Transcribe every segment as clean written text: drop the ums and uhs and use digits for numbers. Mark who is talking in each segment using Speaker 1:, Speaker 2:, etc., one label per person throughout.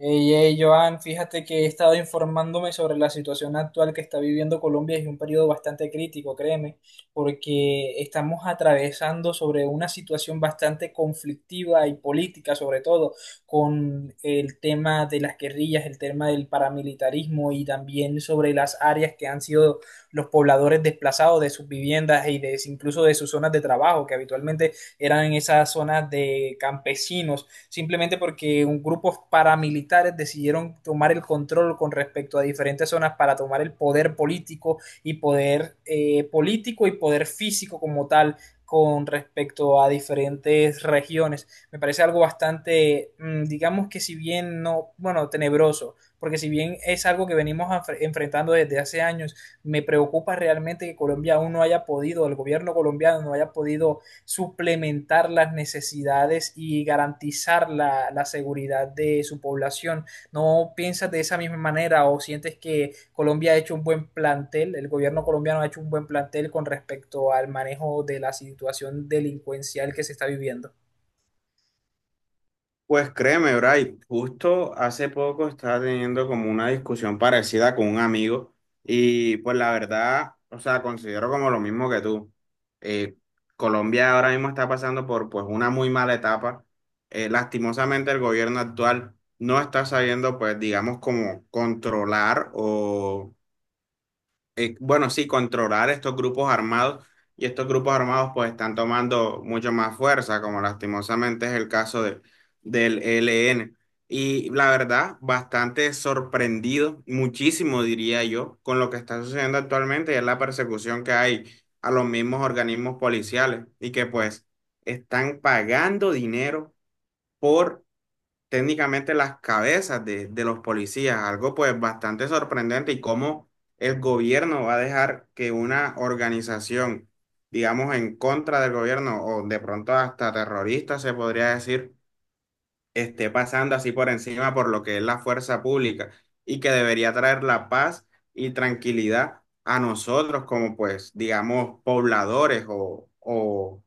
Speaker 1: Hey, hey, Joan, fíjate que he estado informándome sobre la situación actual que está viviendo Colombia y es un periodo bastante crítico, créeme, porque estamos atravesando sobre una situación bastante conflictiva y política, sobre todo con el tema de las guerrillas, el tema del paramilitarismo y también sobre las áreas que han sido los pobladores desplazados de sus viviendas y incluso de sus zonas de trabajo, que habitualmente eran esas zonas de campesinos simplemente porque un grupo paramilitares decidieron tomar el control con respecto a diferentes zonas para tomar el poder político y poder físico como tal con respecto a diferentes regiones. Me parece algo bastante, digamos que si bien no, bueno, tenebroso, porque si bien es algo que venimos enfrentando desde hace años, me preocupa realmente que Colombia aún no haya podido, el gobierno colombiano no haya podido suplementar las necesidades y garantizar la seguridad de su población. ¿No piensas de esa misma manera o sientes que Colombia ha hecho un buen plantel, el gobierno colombiano ha hecho un buen plantel con respecto al manejo de la situación delincuencial que se está viviendo?
Speaker 2: Pues créeme, Bray, justo hace poco estaba teniendo como una discusión parecida con un amigo y pues la verdad, o sea, considero como lo mismo que tú. Eh, Colombia ahora mismo está pasando por pues una muy mala etapa. Lastimosamente el gobierno actual no está sabiendo pues digamos como controlar o bueno, sí, controlar estos grupos armados y estos grupos armados pues están tomando mucho más fuerza, como lastimosamente es el caso del ELN. Y la verdad, bastante sorprendido, muchísimo diría yo, con lo que está sucediendo actualmente y es la persecución que hay a los mismos organismos policiales y que pues están pagando dinero por técnicamente las cabezas de los policías, algo pues bastante sorprendente, y cómo el gobierno va a dejar que una organización, digamos, en contra del gobierno o de pronto hasta terrorista se podría decir, esté pasando así por encima por lo que es la fuerza pública y que debería traer la paz y tranquilidad a nosotros como pues, digamos, pobladores o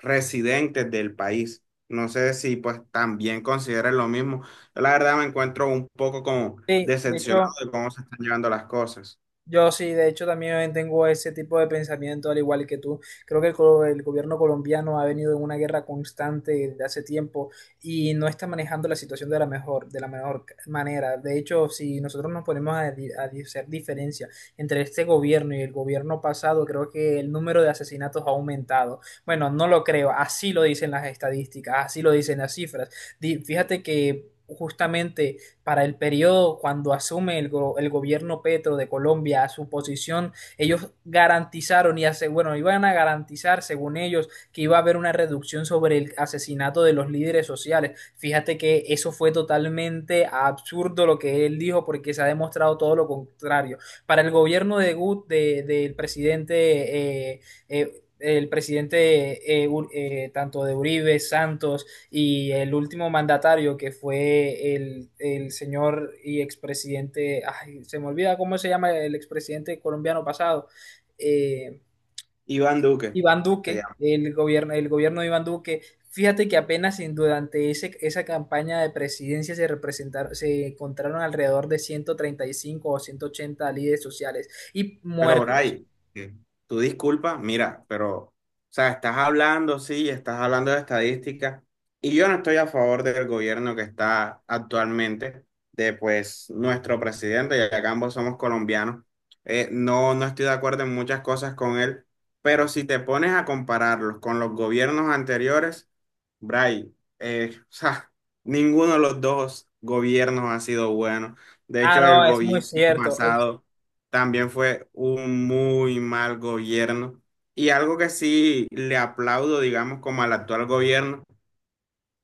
Speaker 2: residentes del país. No sé si pues también consideren lo mismo. Yo la verdad me encuentro un poco como
Speaker 1: Sí, de
Speaker 2: decepcionado
Speaker 1: hecho,
Speaker 2: de cómo se están llevando las cosas.
Speaker 1: Yo sí, de hecho también tengo ese tipo de pensamiento, al igual que tú. Creo que el gobierno colombiano ha venido en una guerra constante desde hace tiempo y no está manejando la situación de la mejor, manera. De hecho, si nosotros nos ponemos a hacer diferencia entre este gobierno y el gobierno pasado, creo que el número de asesinatos ha aumentado. Bueno, no lo creo, así lo dicen las estadísticas, así lo dicen las cifras. Fíjate que justamente para el periodo cuando asume el gobierno Petro de Colombia a su posición, ellos garantizaron y hace, bueno, iban a garantizar, según ellos, que iba a haber una reducción sobre el asesinato de los líderes sociales. Fíjate que eso fue totalmente absurdo lo que él dijo porque se ha demostrado todo lo contrario. Para el gobierno de del presidente eh, el presidente eh, tanto de Uribe, Santos y el último mandatario que fue el señor y expresidente, ay, se me olvida cómo se llama el expresidente colombiano pasado, eh,
Speaker 2: Iván Duque
Speaker 1: Iván
Speaker 2: se
Speaker 1: Duque,
Speaker 2: llama.
Speaker 1: el gobierno de Iván Duque. Fíjate que apenas durante esa campaña de presidencia se encontraron alrededor de 135 o 180 líderes sociales y
Speaker 2: Pero,
Speaker 1: muertos.
Speaker 2: Bray, ¿qué? Tú disculpa, mira, pero, o sea, estás hablando, sí, estás hablando de estadística, y yo no estoy a favor del gobierno que está actualmente, de pues nuestro presidente, ya que ambos somos colombianos. No, no estoy de acuerdo en muchas cosas con él, pero si te pones a compararlos con los gobiernos anteriores, Bray, o sea, ninguno de los dos gobiernos ha sido bueno. De
Speaker 1: Ah,
Speaker 2: hecho, el
Speaker 1: no, es muy
Speaker 2: gobierno
Speaker 1: cierto.
Speaker 2: pasado también fue un muy mal gobierno. Y algo que sí le aplaudo, digamos, como al actual gobierno,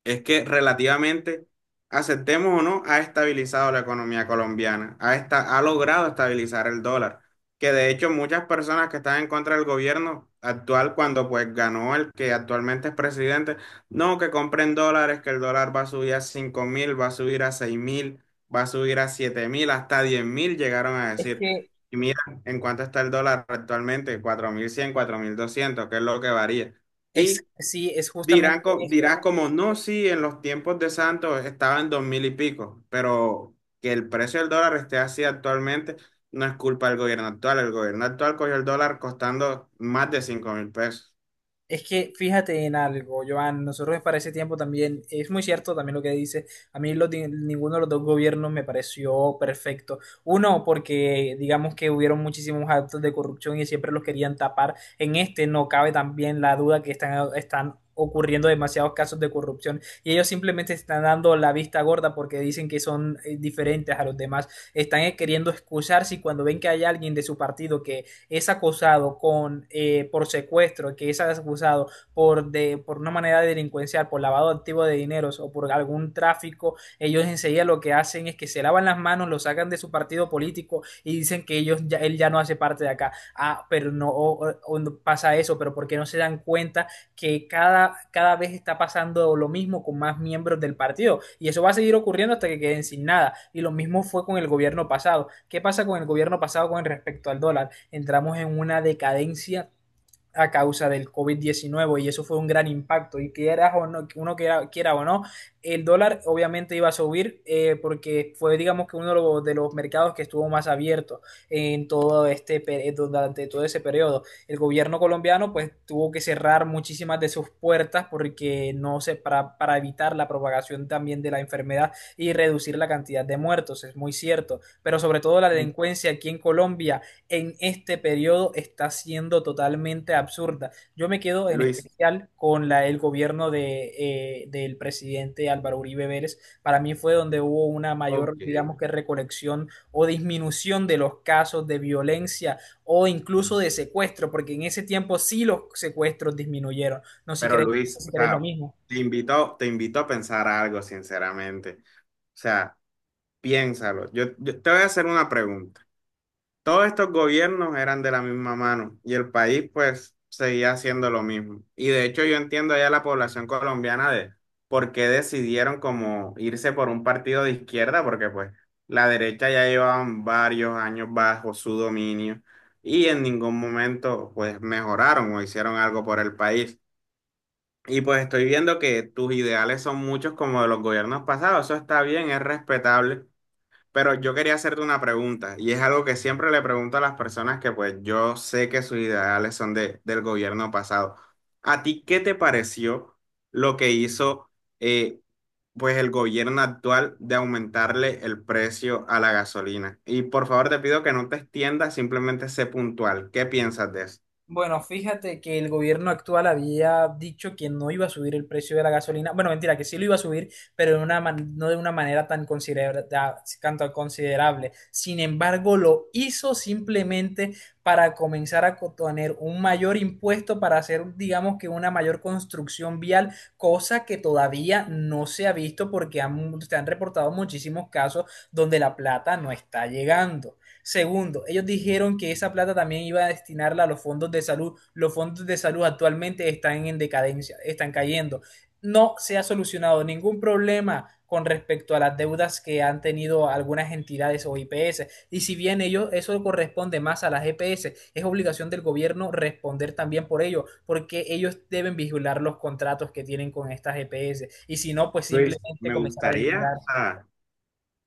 Speaker 2: es que relativamente, aceptemos o no, ha estabilizado la economía colombiana, ha logrado estabilizar el dólar, que de hecho muchas personas que están en contra del gobierno actual, cuando pues ganó el que actualmente es presidente, no, que compren dólares, que el dólar va a subir a 5000, va a subir a 6000, va a subir a 7000, hasta 10.000 llegaron a
Speaker 1: Es
Speaker 2: decir.
Speaker 1: que
Speaker 2: Y mira, en cuánto está el dólar actualmente, 4100, 4200, que es lo que varía.
Speaker 1: es,
Speaker 2: Y
Speaker 1: sí, es justamente
Speaker 2: dirán,
Speaker 1: eso.
Speaker 2: dirás como, no, sí, en los tiempos de Santos estaba en 2000 y pico, pero que el precio del dólar esté así actualmente no es culpa del gobierno actual. El gobierno actual cogió el dólar costando más de 5000 pesos.
Speaker 1: Es que fíjate en algo, Joan, nosotros para ese tiempo también, es muy cierto también lo que dice, a mí ninguno de los dos gobiernos me pareció perfecto. Uno, porque digamos que hubieron muchísimos actos de corrupción y siempre los querían tapar. En este no cabe también la duda que están ocurriendo demasiados casos de corrupción y ellos simplemente están dando la vista gorda porque dicen que son diferentes a los demás. Están queriendo excusarse y cuando ven que hay alguien de su partido que es acusado por secuestro, que es acusado por una manera delincuencial, por lavado activo de dineros o por algún tráfico, ellos enseguida lo que hacen es que se lavan las manos, lo sacan de su partido político y dicen que él ya no hace parte de acá. Ah, pero no o no pasa eso, pero por qué no se dan cuenta que cada vez está pasando lo mismo con más miembros del partido y eso va a seguir ocurriendo hasta que queden sin nada. Y lo mismo fue con el gobierno pasado. ¿Qué pasa con el gobierno pasado con respecto al dólar? Entramos en una decadencia a causa del COVID-19 y eso fue un gran impacto y quiera o no, uno quiera o no, el dólar obviamente iba a subir porque fue digamos que uno de los mercados que estuvo más abierto en todo este durante todo ese periodo. El gobierno colombiano pues tuvo que cerrar muchísimas de sus puertas porque no se para evitar la propagación también de la enfermedad y reducir la cantidad de muertos, es muy cierto, pero sobre todo la delincuencia aquí en Colombia en este periodo está siendo totalmente absurda. Yo me quedo en
Speaker 2: Luis,
Speaker 1: especial con el gobierno del presidente Álvaro Uribe Vélez. Para mí fue donde hubo una mayor,
Speaker 2: ok,
Speaker 1: digamos que recolección o disminución de los casos de violencia o incluso de secuestro, porque en ese tiempo sí los secuestros disminuyeron.
Speaker 2: pero
Speaker 1: No sé
Speaker 2: Luis,
Speaker 1: si
Speaker 2: o
Speaker 1: crees lo
Speaker 2: sea,
Speaker 1: mismo.
Speaker 2: te invito a pensar algo, sinceramente. O sea, piénsalo. Yo te voy a hacer una pregunta. Todos estos gobiernos eran de la misma mano y el país pues seguía haciendo lo mismo. Y de hecho yo entiendo ya la población colombiana de por qué decidieron como irse por un partido de izquierda, porque pues la derecha ya llevaban varios años bajo su dominio y en ningún momento pues mejoraron o hicieron algo por el país. Y pues estoy viendo que tus ideales son muchos como de los gobiernos pasados, eso está bien, es respetable. Pero yo quería hacerte una pregunta, y es algo que siempre le pregunto a las personas que pues yo sé que sus ideales son del gobierno pasado. ¿A ti qué te pareció lo que hizo eh, pues el gobierno actual de aumentarle el precio a la gasolina? Y por favor te pido que no te extiendas, simplemente sé puntual. ¿Qué piensas de eso?
Speaker 1: Bueno, fíjate que el gobierno actual había dicho que no iba a subir el precio de la gasolina. Bueno, mentira, que sí lo iba a subir, pero no de una manera tan tanto considerable. Sin embargo, lo hizo simplemente para comenzar a tener un mayor impuesto para hacer, digamos que una mayor construcción vial, cosa que todavía no se ha visto porque se han reportado muchísimos casos donde la plata no está llegando. Segundo, ellos dijeron que esa plata también iba a destinarla a los fondos de salud. Los fondos de salud actualmente están en decadencia, están cayendo. No se ha solucionado ningún problema con respecto a las deudas que han tenido algunas entidades o IPS. Y si bien ellos, eso corresponde más a las EPS, es obligación del gobierno responder también por ello, porque ellos deben vigilar los contratos que tienen con estas EPS. Y si no, pues
Speaker 2: Luis,
Speaker 1: simplemente
Speaker 2: me
Speaker 1: comenzar a
Speaker 2: gustaría, o
Speaker 1: derivar.
Speaker 2: sea,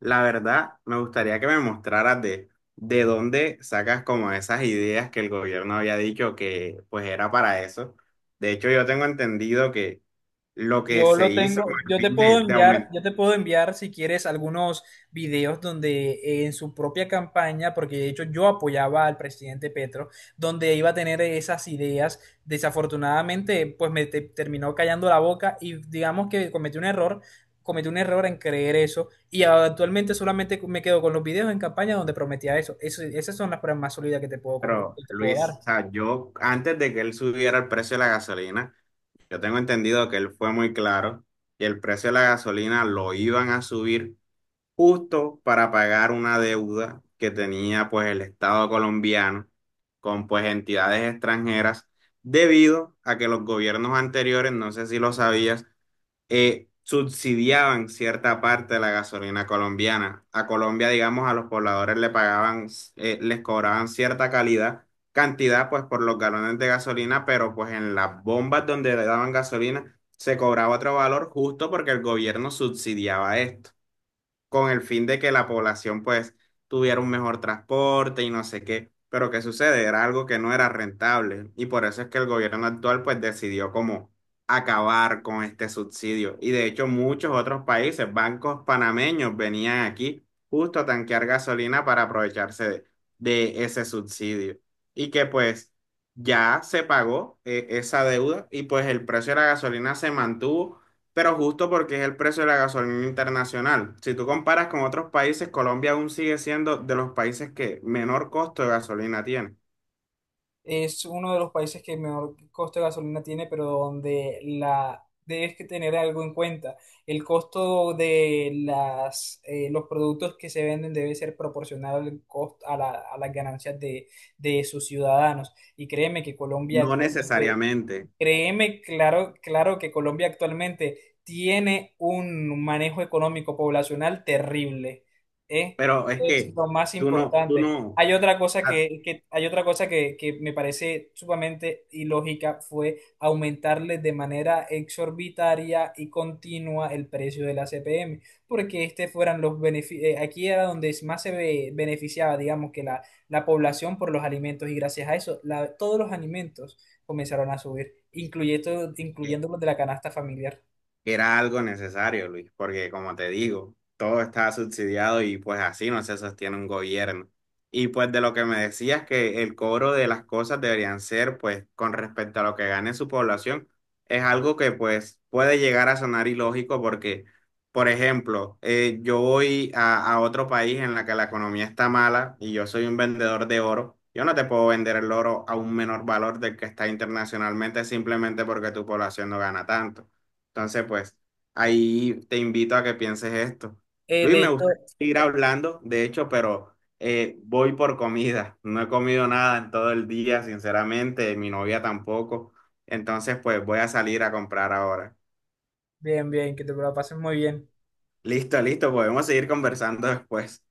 Speaker 2: la verdad, me gustaría que me mostraras de dónde sacas como esas ideas que el gobierno había dicho que pues era para eso. De hecho, yo tengo entendido que lo que
Speaker 1: Yo
Speaker 2: se
Speaker 1: lo
Speaker 2: hizo con
Speaker 1: tengo,
Speaker 2: el fin de aumentar,
Speaker 1: yo te puedo enviar si quieres algunos videos donde en su propia campaña, porque de hecho yo apoyaba al presidente Petro, donde iba a tener esas ideas. Desafortunadamente, pues me terminó callando la boca y digamos que cometí un error en creer eso y actualmente solamente me quedo con los videos en campaña donde prometía eso. Esas son las pruebas más sólidas
Speaker 2: pero
Speaker 1: que te puedo
Speaker 2: Luis,
Speaker 1: dar.
Speaker 2: o sea, yo antes de que él subiera el precio de la gasolina, yo tengo entendido que él fue muy claro que el precio de la gasolina lo iban a subir justo para pagar una deuda que tenía pues el Estado colombiano con pues entidades extranjeras debido a que los gobiernos anteriores, no sé si lo sabías, subsidiaban cierta parte de la gasolina colombiana. A Colombia, digamos, a los pobladores le pagaban, les cobraban cierta cantidad pues por los galones de gasolina, pero pues en las bombas donde le daban gasolina se cobraba otro valor justo porque el gobierno subsidiaba esto con el fin de que la población pues tuviera un mejor transporte y no sé qué. Pero ¿qué sucede? Era algo que no era rentable y por eso es que el gobierno actual pues decidió como acabar con este subsidio. Y de hecho muchos otros países, bancos panameños venían aquí justo a tanquear gasolina para aprovecharse de ese subsidio. Y que pues ya se pagó esa deuda y pues el precio de la gasolina se mantuvo pero justo porque es el precio de la gasolina internacional. Si tú comparas con otros países, Colombia aún sigue siendo de los países que menor costo de gasolina tiene.
Speaker 1: Es uno de los países que menor costo de gasolina tiene, pero donde la debes que tener algo en cuenta. El costo los productos que se venden debe ser proporcional al costo, a las ganancias de sus ciudadanos. Y créeme que Colombia
Speaker 2: No
Speaker 1: actualmente.
Speaker 2: necesariamente,
Speaker 1: Créeme, claro, claro que Colombia actualmente tiene un manejo económico poblacional terrible, ¿eh?
Speaker 2: pero
Speaker 1: Eso
Speaker 2: es que
Speaker 1: es lo más
Speaker 2: tú
Speaker 1: importante.
Speaker 2: no,
Speaker 1: Hay otra cosa
Speaker 2: a-
Speaker 1: hay otra cosa que me parece sumamente ilógica fue aumentarle de manera exorbitaria y continua el precio de la CPM, porque este fueran los beneficios, aquí era donde más se beneficiaba, digamos, que la población por los alimentos y gracias a eso, todos los alimentos comenzaron a subir, incluyendo los de la canasta familiar.
Speaker 2: era algo necesario, Luis, porque como te digo, todo está subsidiado y pues así no se sostiene un gobierno. Y pues de lo que me decías que el cobro de las cosas deberían ser pues con respecto a lo que gane su población, es algo que pues puede llegar a sonar ilógico porque, por ejemplo, yo voy a otro país en la que la economía está mala y yo soy un vendedor de oro. Yo no te puedo vender el oro a un menor valor del que está internacionalmente simplemente porque tu población no gana tanto. Entonces, pues, ahí te invito a que pienses esto.
Speaker 1: Eh,
Speaker 2: Luis,
Speaker 1: de
Speaker 2: me gustaría
Speaker 1: hecho,
Speaker 2: seguir hablando, de hecho, pero voy por comida. No he comido nada en todo el día, sinceramente, mi novia tampoco. Entonces, pues, voy a salir a comprar ahora.
Speaker 1: Bien, bien, que te lo pases muy bien.
Speaker 2: Listo, listo, podemos seguir conversando después.